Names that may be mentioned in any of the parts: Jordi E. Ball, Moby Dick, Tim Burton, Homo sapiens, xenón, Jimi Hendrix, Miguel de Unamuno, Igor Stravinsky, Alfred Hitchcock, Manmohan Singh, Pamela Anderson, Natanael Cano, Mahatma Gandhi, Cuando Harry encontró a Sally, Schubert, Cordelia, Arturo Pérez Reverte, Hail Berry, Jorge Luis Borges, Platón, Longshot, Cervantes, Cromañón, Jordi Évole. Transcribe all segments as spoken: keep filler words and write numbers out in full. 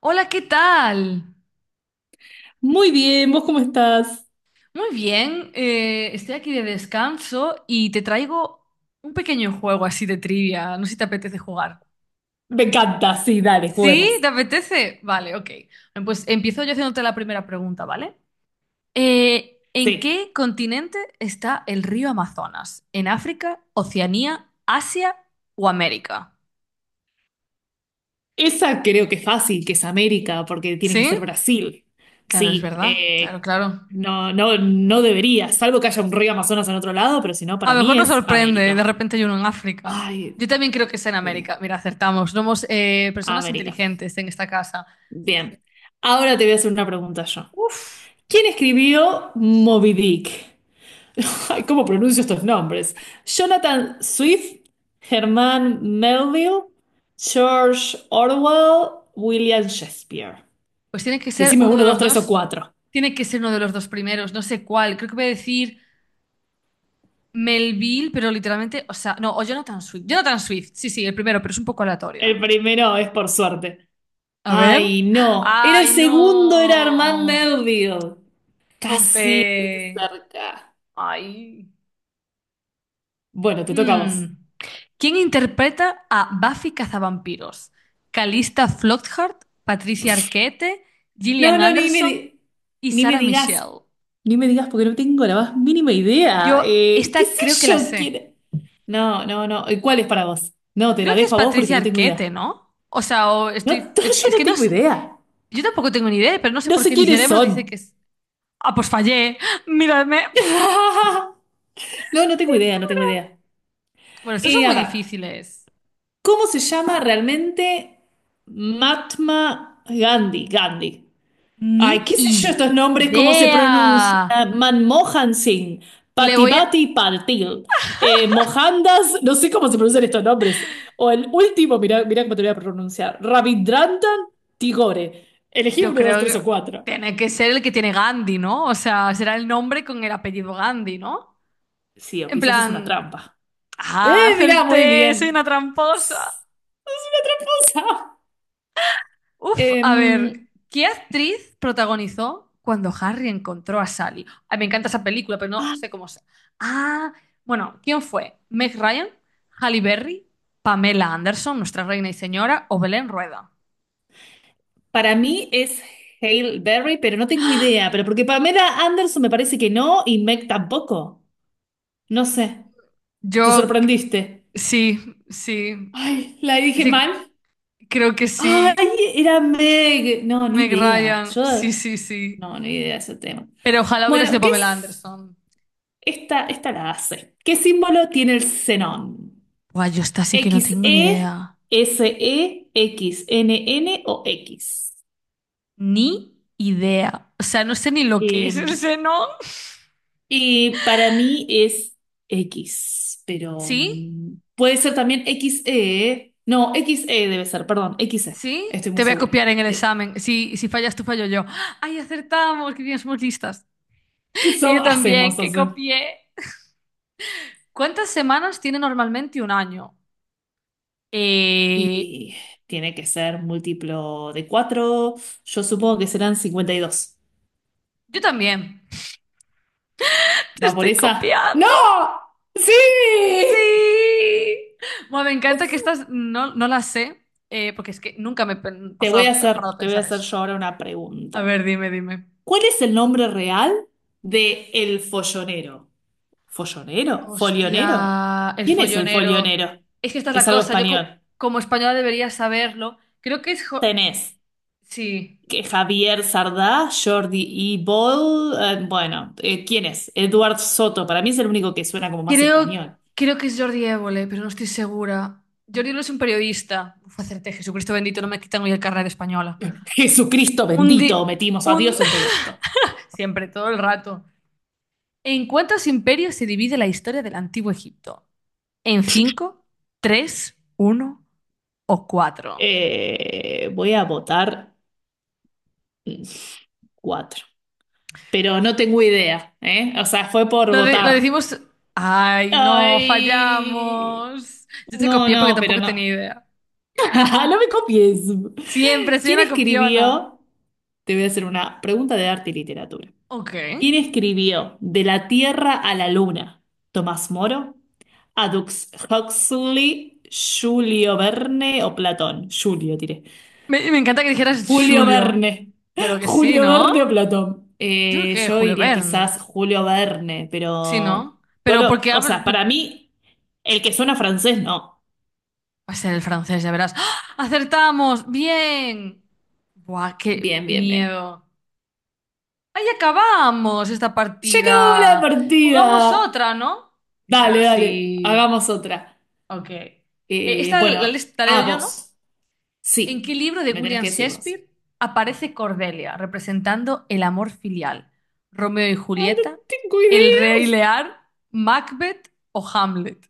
Hola, ¿qué tal? Muy bien, ¿vos cómo estás? Muy bien, eh, estoy aquí de descanso y te traigo un pequeño juego así de trivia. No sé si te apetece jugar. Me encanta, sí, dale, ¿Sí? juguemos. ¿Te apetece? Vale, ok. Bueno, pues empiezo yo haciéndote la primera pregunta, ¿vale? Eh, ¿en Sí, qué continente está el río Amazonas? ¿En África, Oceanía, Asia o América? esa creo que es fácil, que es América, porque tiene que ¿Sí? ser Brasil. Claro, es Sí, verdad. Claro, eh, claro. no, no, no debería, salvo que haya un río Amazonas en otro lado, pero si no, A para lo mejor mí nos es sorprende, de América. repente hay uno en África. Ay, Yo también creo que es en sí, América. Mira, acertamos. Somos eh, personas América. inteligentes en esta casa. Sí, sí. Bien, ahora te voy a hacer una pregunta yo. Uf, ¿Quién escribió Moby Dick? Ay, ¿cómo pronuncio estos nombres? Jonathan Swift, Germán Melville, George Orwell, William Shakespeare. pues tiene que ser Decime uno uno, de dos, los tres o dos. cuatro. Tiene que ser uno de los dos primeros. No sé cuál. Creo que voy a decir Melville, pero literalmente, o sea, no, o Jonathan Swift. Jonathan Swift, sí, sí, el primero, pero es un poco aleatorio, ¿eh? El primero es por suerte. A ver. Ay, no. Era el ¡Ay, segundo, era Germán no! Melville. Casi, estuviste ¡Jope! cerca. ¡Ay! Bueno, te toca a vos. Hmm. ¿Quién interpreta a Buffy Cazavampiros? Calista Flockhart, Patricia Arquette, No, Gillian no, ni me, Anderson di- y ni me Sarah digas, Michelle. ni me digas porque no tengo la más mínima idea. Yo Eh, ¿qué esta creo que sé la yo? sé. ¿Quién... No, no, no. ¿Y cuál es para vos? No, te la Creo que es dejo a vos porque Patricia no tengo Arquette, idea. ¿no? O sea, o No, estoy... no, yo Es no que no tengo sé. idea. Yo tampoco tengo ni idea, pero no sé No por sé qué mi quiénes cerebro dice son. que es... Ah, pues fallé. Miradme. No, no tengo idea, no tengo idea. Bueno, estos son Eh, a muy ver, difíciles. ¿cómo se llama realmente Mahatma Gandhi? Gandhi. Ni Ay, qué sé yo estos nombres, cómo se idea. pronuncia. Manmohan Singh, Le voy a... Patibati Patil, eh, Mohandas, no sé cómo se pronuncian estos nombres. O el último, mirá, mirá cómo te voy a pronunciar, Rabindrandan Tigore. Elegí Yo uno, dos, creo tres o que cuatro. tiene que ser el que tiene Gandhi, ¿no? O sea, será el nombre con el apellido Gandhi, ¿no? Sí, o En quizás es una plan, trampa. Eh, ah, Mirá, muy acerté, soy una bien. tramposa. Es una tramposa. Uf, Em, a ver, ¿qué actriz protagonizó cuando Harry encontró a Sally? Ay, me encanta esa película, pero no ah, sé cómo se. Ah, bueno, ¿quién fue? ¿Meg Ryan? ¿Halle Berry? ¿Pamela Anderson, nuestra reina y señora? ¿O Belén Rueda? para mí es Hail Berry, pero no tengo idea. Pero porque Pamela Anderson me parece que no y Meg tampoco. No sé, te Yo, c- sorprendiste. sí, sí, Ay, la dije sí, mal. creo que sí. Ay, era Meg. No, ni Meg idea. Ryan, Yo, sí, sí, sí. no, ni idea de ese tema. Pero ojalá hubiera sido Bueno, ¿qué Pamela es? Anderson. Esta, esta la hace. ¿Qué símbolo tiene el xenón? Buah, yo esta sí que no tengo ni ¿equis e, idea. ese e, n N o X? Ni idea. O sea, no sé ni lo que es el Eh, seno. y para mí es X, pero ¿Sí? mm, puede ser también equis e. No, equis e debe ser, perdón, equis e. ¿Sí? Estoy Te muy voy a segura. copiar en el Sí. examen. Si, si fallas tú, fallo yo. ¡Ay, acertamos! ¡Qué bien, somos listas! Y Sob yo hacemos, también, que entonces. copié. ¿Cuántas semanas tiene normalmente un año? Eh, Y tiene que ser múltiplo de cuatro. Yo supongo que serán cincuenta y dos. yo también. Te ¿Va por estoy esa? ¡No! copiando. ¡Sí! Sí. Bueno, me encanta que estas no, no las sé, eh, porque es que nunca me he pen- Te voy a pasado, he hacer, parado a Te voy a pensar hacer eso. yo ahora una A pregunta. ver, dime, dime. ¿Cuál es el nombre real de el follonero? ¿Follonero? Hostia, ¿Folionero? el ¿Quién es el follonero. folionero? Es que esta es la Es algo cosa. Yo co- español. Como española debería saberlo. Creo que es... Jo- Tenés sí. que Javier Sardá, Jordi E. Ball, eh, bueno, eh, ¿quién es? Eduard Soto, para mí es el único que suena como más Creo, español. creo que es Jordi Évole, pero no estoy segura. Jordi Évole es un periodista. Uf, acerté, Jesucristo bendito, no me quitan hoy el carnet de española. Jesucristo Un bendito, di... metimos a Un... Dios en todo esto. Siempre, todo el rato. ¿En cuántos imperios se divide la historia del Antiguo Egipto? ¿En cinco, tres, uno o cuatro? Eh, voy a votar cuatro, pero no tengo idea, ¿eh? O sea, fue por Lo, de- lo votar. decimos... Ay, no, Ay, fallamos. Yo te no, copié porque no, pero tampoco tenía no. idea. No me copies. Siempre soy ¿Quién una copiona. escribió? Te voy a hacer una pregunta de arte y literatura. Ok. ¿Quién escribió De la Tierra a la Luna? ¿Tomás Moro? ¿Adux Huxley? ¿Julio Verne o Platón? Julio, tiré. Me, me encanta que dijeras Julio Julio. Verne. Yo creo que sí, Julio ¿no? Verne o Platón. Yo creo Eh, que Yo Julio diría Verne. quizás Julio Verne, Sí, pero ¿no? Pero solo, porque o hablo... sea, por- para mí, el que suena francés, no. Va a ser el francés, ya verás. ¡Ah! ¡Acertamos! ¡Bien! Buah, qué Bien, bien, bien. miedo. Ahí acabamos esta ¡Ya acabó la partida. Jugamos partida! otra, ¿no? Dale, Claro, dale, sí. hagamos otra. Ok. Eh, Eh, Esta la, bueno, les- ¿La leo a yo, ¿no? vos. ¿En Sí, qué libro de me tenés William que decir vos. Shakespeare aparece Cordelia representando el amor filial? ¿Romeo y Ay, no Julieta? tengo ¿El Rey idea. Lear? ¿Macbeth o Hamlet?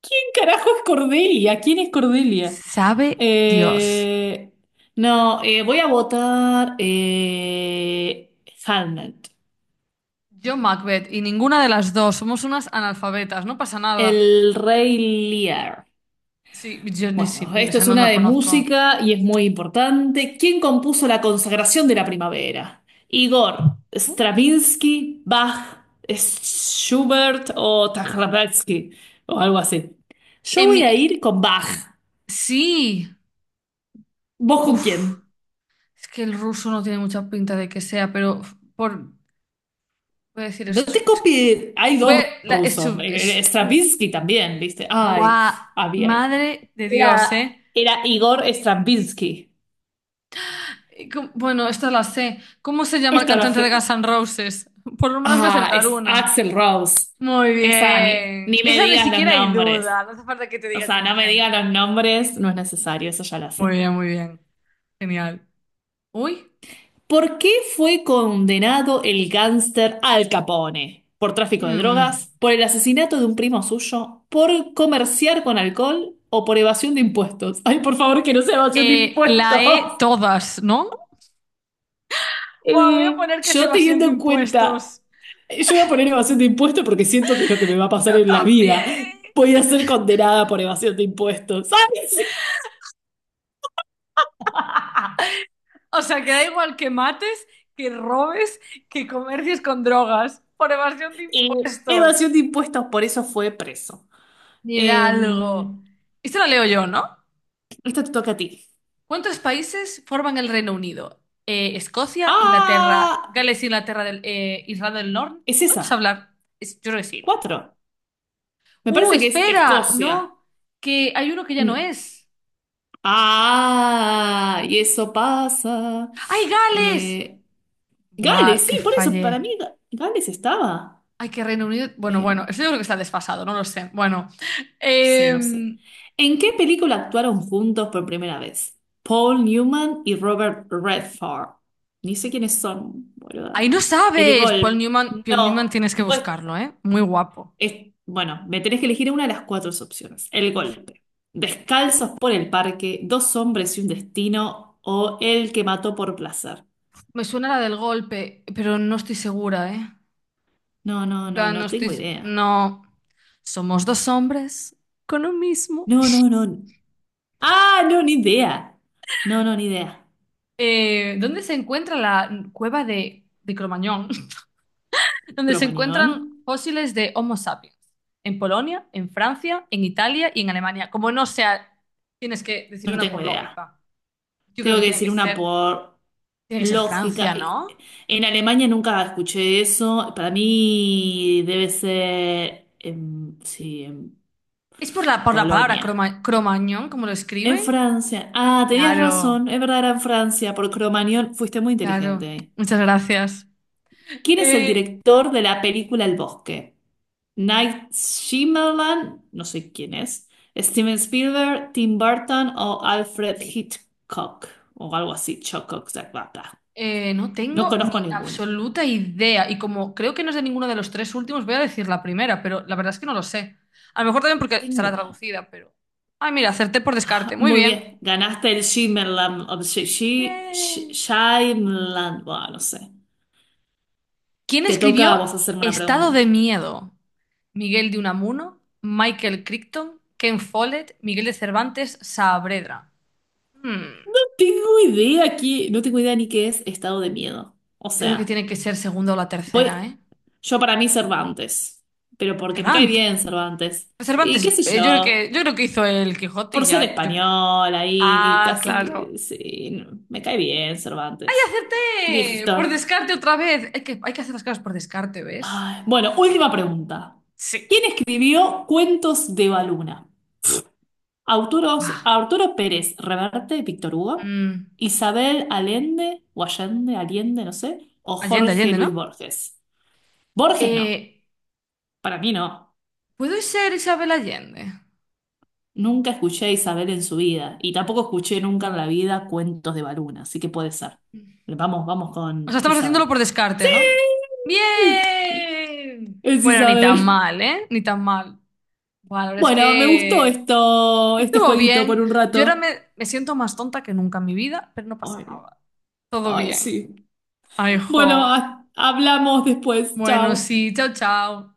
¿Quién carajo es Cordelia? ¿Quién es Cordelia? Sabe Dios. Eh, no, eh, voy a votar eh, Hamlet, Yo Macbeth y ninguna de las dos. Somos unas analfabetas, no pasa nada. el Rey Lear. Sí, yo ni si, Bueno, o esto sea, es no una la de conozco. música y es muy importante. ¿Quién compuso la consagración de la primavera? Igor, Uh, Stravinsky, Bach, Schubert o Stravinsky o algo así. Yo En voy a mi- ir con Bach. sí, ¿Vos con quién? uf, es que el ruso no tiene mucha pinta de que sea, pero por, voy a decir No te estu- copies, hay voy dos a- la, rusos, estu- eh, eh, es- Stravinsky también, ¿viste? Ay, buah, había. madre de Dios, Era, ¿eh? era Igor Stravinsky. Y com- Bueno, esta la sé. ¿Cómo se llama el Esta la cantante de Guns fe- N' Roses? Por lo menos voy a Ah, acertar es una. Axel Rose. Muy Esa, ni, ni bien. me Esa ni digas los siquiera hay nombres. duda. No hace falta que te O diga sea, no Jimi me digas Hendrix. los nombres, no es necesario, eso ya lo Muy sé. bien, muy bien. Genial. Uy. ¿Por qué fue condenado el gángster Al Capone? ¿Por tráfico de Mm. drogas? ¿Por el asesinato de un primo suyo? ¿Por comerciar con alcohol? ¿O por evasión de impuestos? Ay, por favor, que no sea evasión de Eh, la impuestos. E todas, ¿no? Buah, voy a Eh, poner que es yo evasión teniendo de en cuenta, impuestos. yo voy a poner evasión de impuestos porque siento que es lo que me va a Yo pasar en la vida. también. Voy a ser condenada por evasión de impuestos, ¿sabes? Ah, o sea, que da igual que mates, que robes, que comercies con drogas por evasión de Eh, impuestos. Evasión de impuestos, por eso fue preso. Eh, Hidalgo. Esto lo leo yo, ¿no? Esto te toca a ti. ¿Cuántos países forman el Reino Unido? Eh, Escocia, Inglaterra, ¡Ah! Gales, Inglaterra, del, eh, Irlanda del Norte. Es No te sé esa. hablar. Es- yo creo que sí, ¿no? Cuatro. Me ¡Uh, parece que es espera! Escocia. No, que hay uno que ya no Mm. es. Ah, y eso pasa. ¡Ay, Gales! Eh, ¡Guau, Gales, sí, que por eso, fallé! para mí Ga- Gales estaba. Ay, que Reino Unido. Bueno, Eh, bueno, eso yo creo que está desfasado, no lo sé. Bueno, sí, no sé. em, ¿En qué película actuaron juntos por primera vez? Paul Newman y Robert Redford. Ni sé quiénes son, boluda. ahí no El sabes. Paul gol. Newman, Paul Newman No. tienes que Pues buscarlo, ¿eh? Muy guapo. Es- bueno, me tenés que elegir una de las cuatro opciones. El golpe. Descalzos por el parque, dos hombres y un destino, o el que mató por placer. Me suena la del golpe, pero no estoy segura, ¿eh? No, no, En no, plan, no no tengo estoy. idea. No. Somos dos hombres con un mismo. No, no, no. Ah, no, ni idea. No, no, ni idea. Eh, ¿dónde se encuentra la cueva de, de Cromañón? Donde se Cromañón. encuentran fósiles de Homo sapiens. En Polonia, en Francia, en Italia y en Alemania. Como no sea, tienes que decir No una tengo por idea. lógica. Yo creo Tengo que que tiene que decir una ser, por tiene que ser Francia, lógica. Y- ¿no? En Alemania nunca escuché eso. Para mí debe ser, em, sí, en Es por la, por la palabra Polonia. croma- cromañón, como lo En escriben. Francia. Ah, tenías razón. Claro, Es verdad, era en Francia. Por Cromañón. Fuiste muy claro. inteligente. Muchas gracias. ¿Quién es el Eh, director de la película El Bosque? Night Shyamalan, no sé quién es. Steven Spielberg, Tim Burton o Alfred Hitchcock. O algo así. Chococ, zac, ba, ba. eh, no No tengo conozco ni ninguno. absoluta idea. Y como creo que no es de ninguno de los tres últimos, voy a decir la primera, pero la verdad es que no lo sé. A lo mejor también No porque tengo estará idea. traducida, pero. Ay, mira, acerté por Ah, descarte. Muy muy bien. bien. Ganaste el Shyamalan. O Sh- Sh- Sh- Bien. Shyamalan. Bueno, no sé. ¿Quién Te toca a escribió vos hacerme una Estado de pregunta. Miedo? Miguel de Unamuno, Michael Crichton, Ken Follett, Miguel de Cervantes, Saavedra. Hmm, Tengo idea aquí, no tengo idea ni qué es estado de miedo. O yo creo que sea, tiene que ser segunda o la voy, tercera, ¿eh? yo para mí Cervantes, pero porque me cae Cervantes. bien Cervantes. Y Cervantes, qué sé eh, yo creo yo, que, yo creo que hizo el Quijote y por ser ya. yo- español ahí, ni Ah, claro. casi, sí, no, me cae bien ¡Y Cervantes. acerté! Por Cristo. descarte otra vez. Hay que, hay que hacer las cosas por descarte, ¿ves? Ay, bueno, última pregunta. Sí. ¿Quién escribió Cuentos de Baluna? Autoros, Guau. Arturo Pérez Reverte, Víctor Hugo, Mm, Isabel Allende, o Allende, Allende, no sé, o Allende, Jorge Allende, Luis ¿no? Borges. Borges no, Eh, para mí no. ¿puedo ser Isabel Allende? Nunca escuché a Isabel en su vida y tampoco escuché nunca en la vida cuentos de Baluna, así que puede ser. Pero vamos, vamos O sea, con estamos Isabel. haciéndolo por descarte, ¡Sí! ¿no? ¡Bien! Es Bueno, ni tan Isabel. mal, ¿eh? Ni tan mal. Bueno, la verdad es Bueno, me gustó que esto, este estuvo jueguito bien. por un Yo ahora rato. me, me siento más tonta que nunca en mi vida, pero no pasa Ay, nada. Todo ay, bien. sí. Ay, Bueno, jo. ha- hablamos después. Bueno, Chao. sí, chao, chao.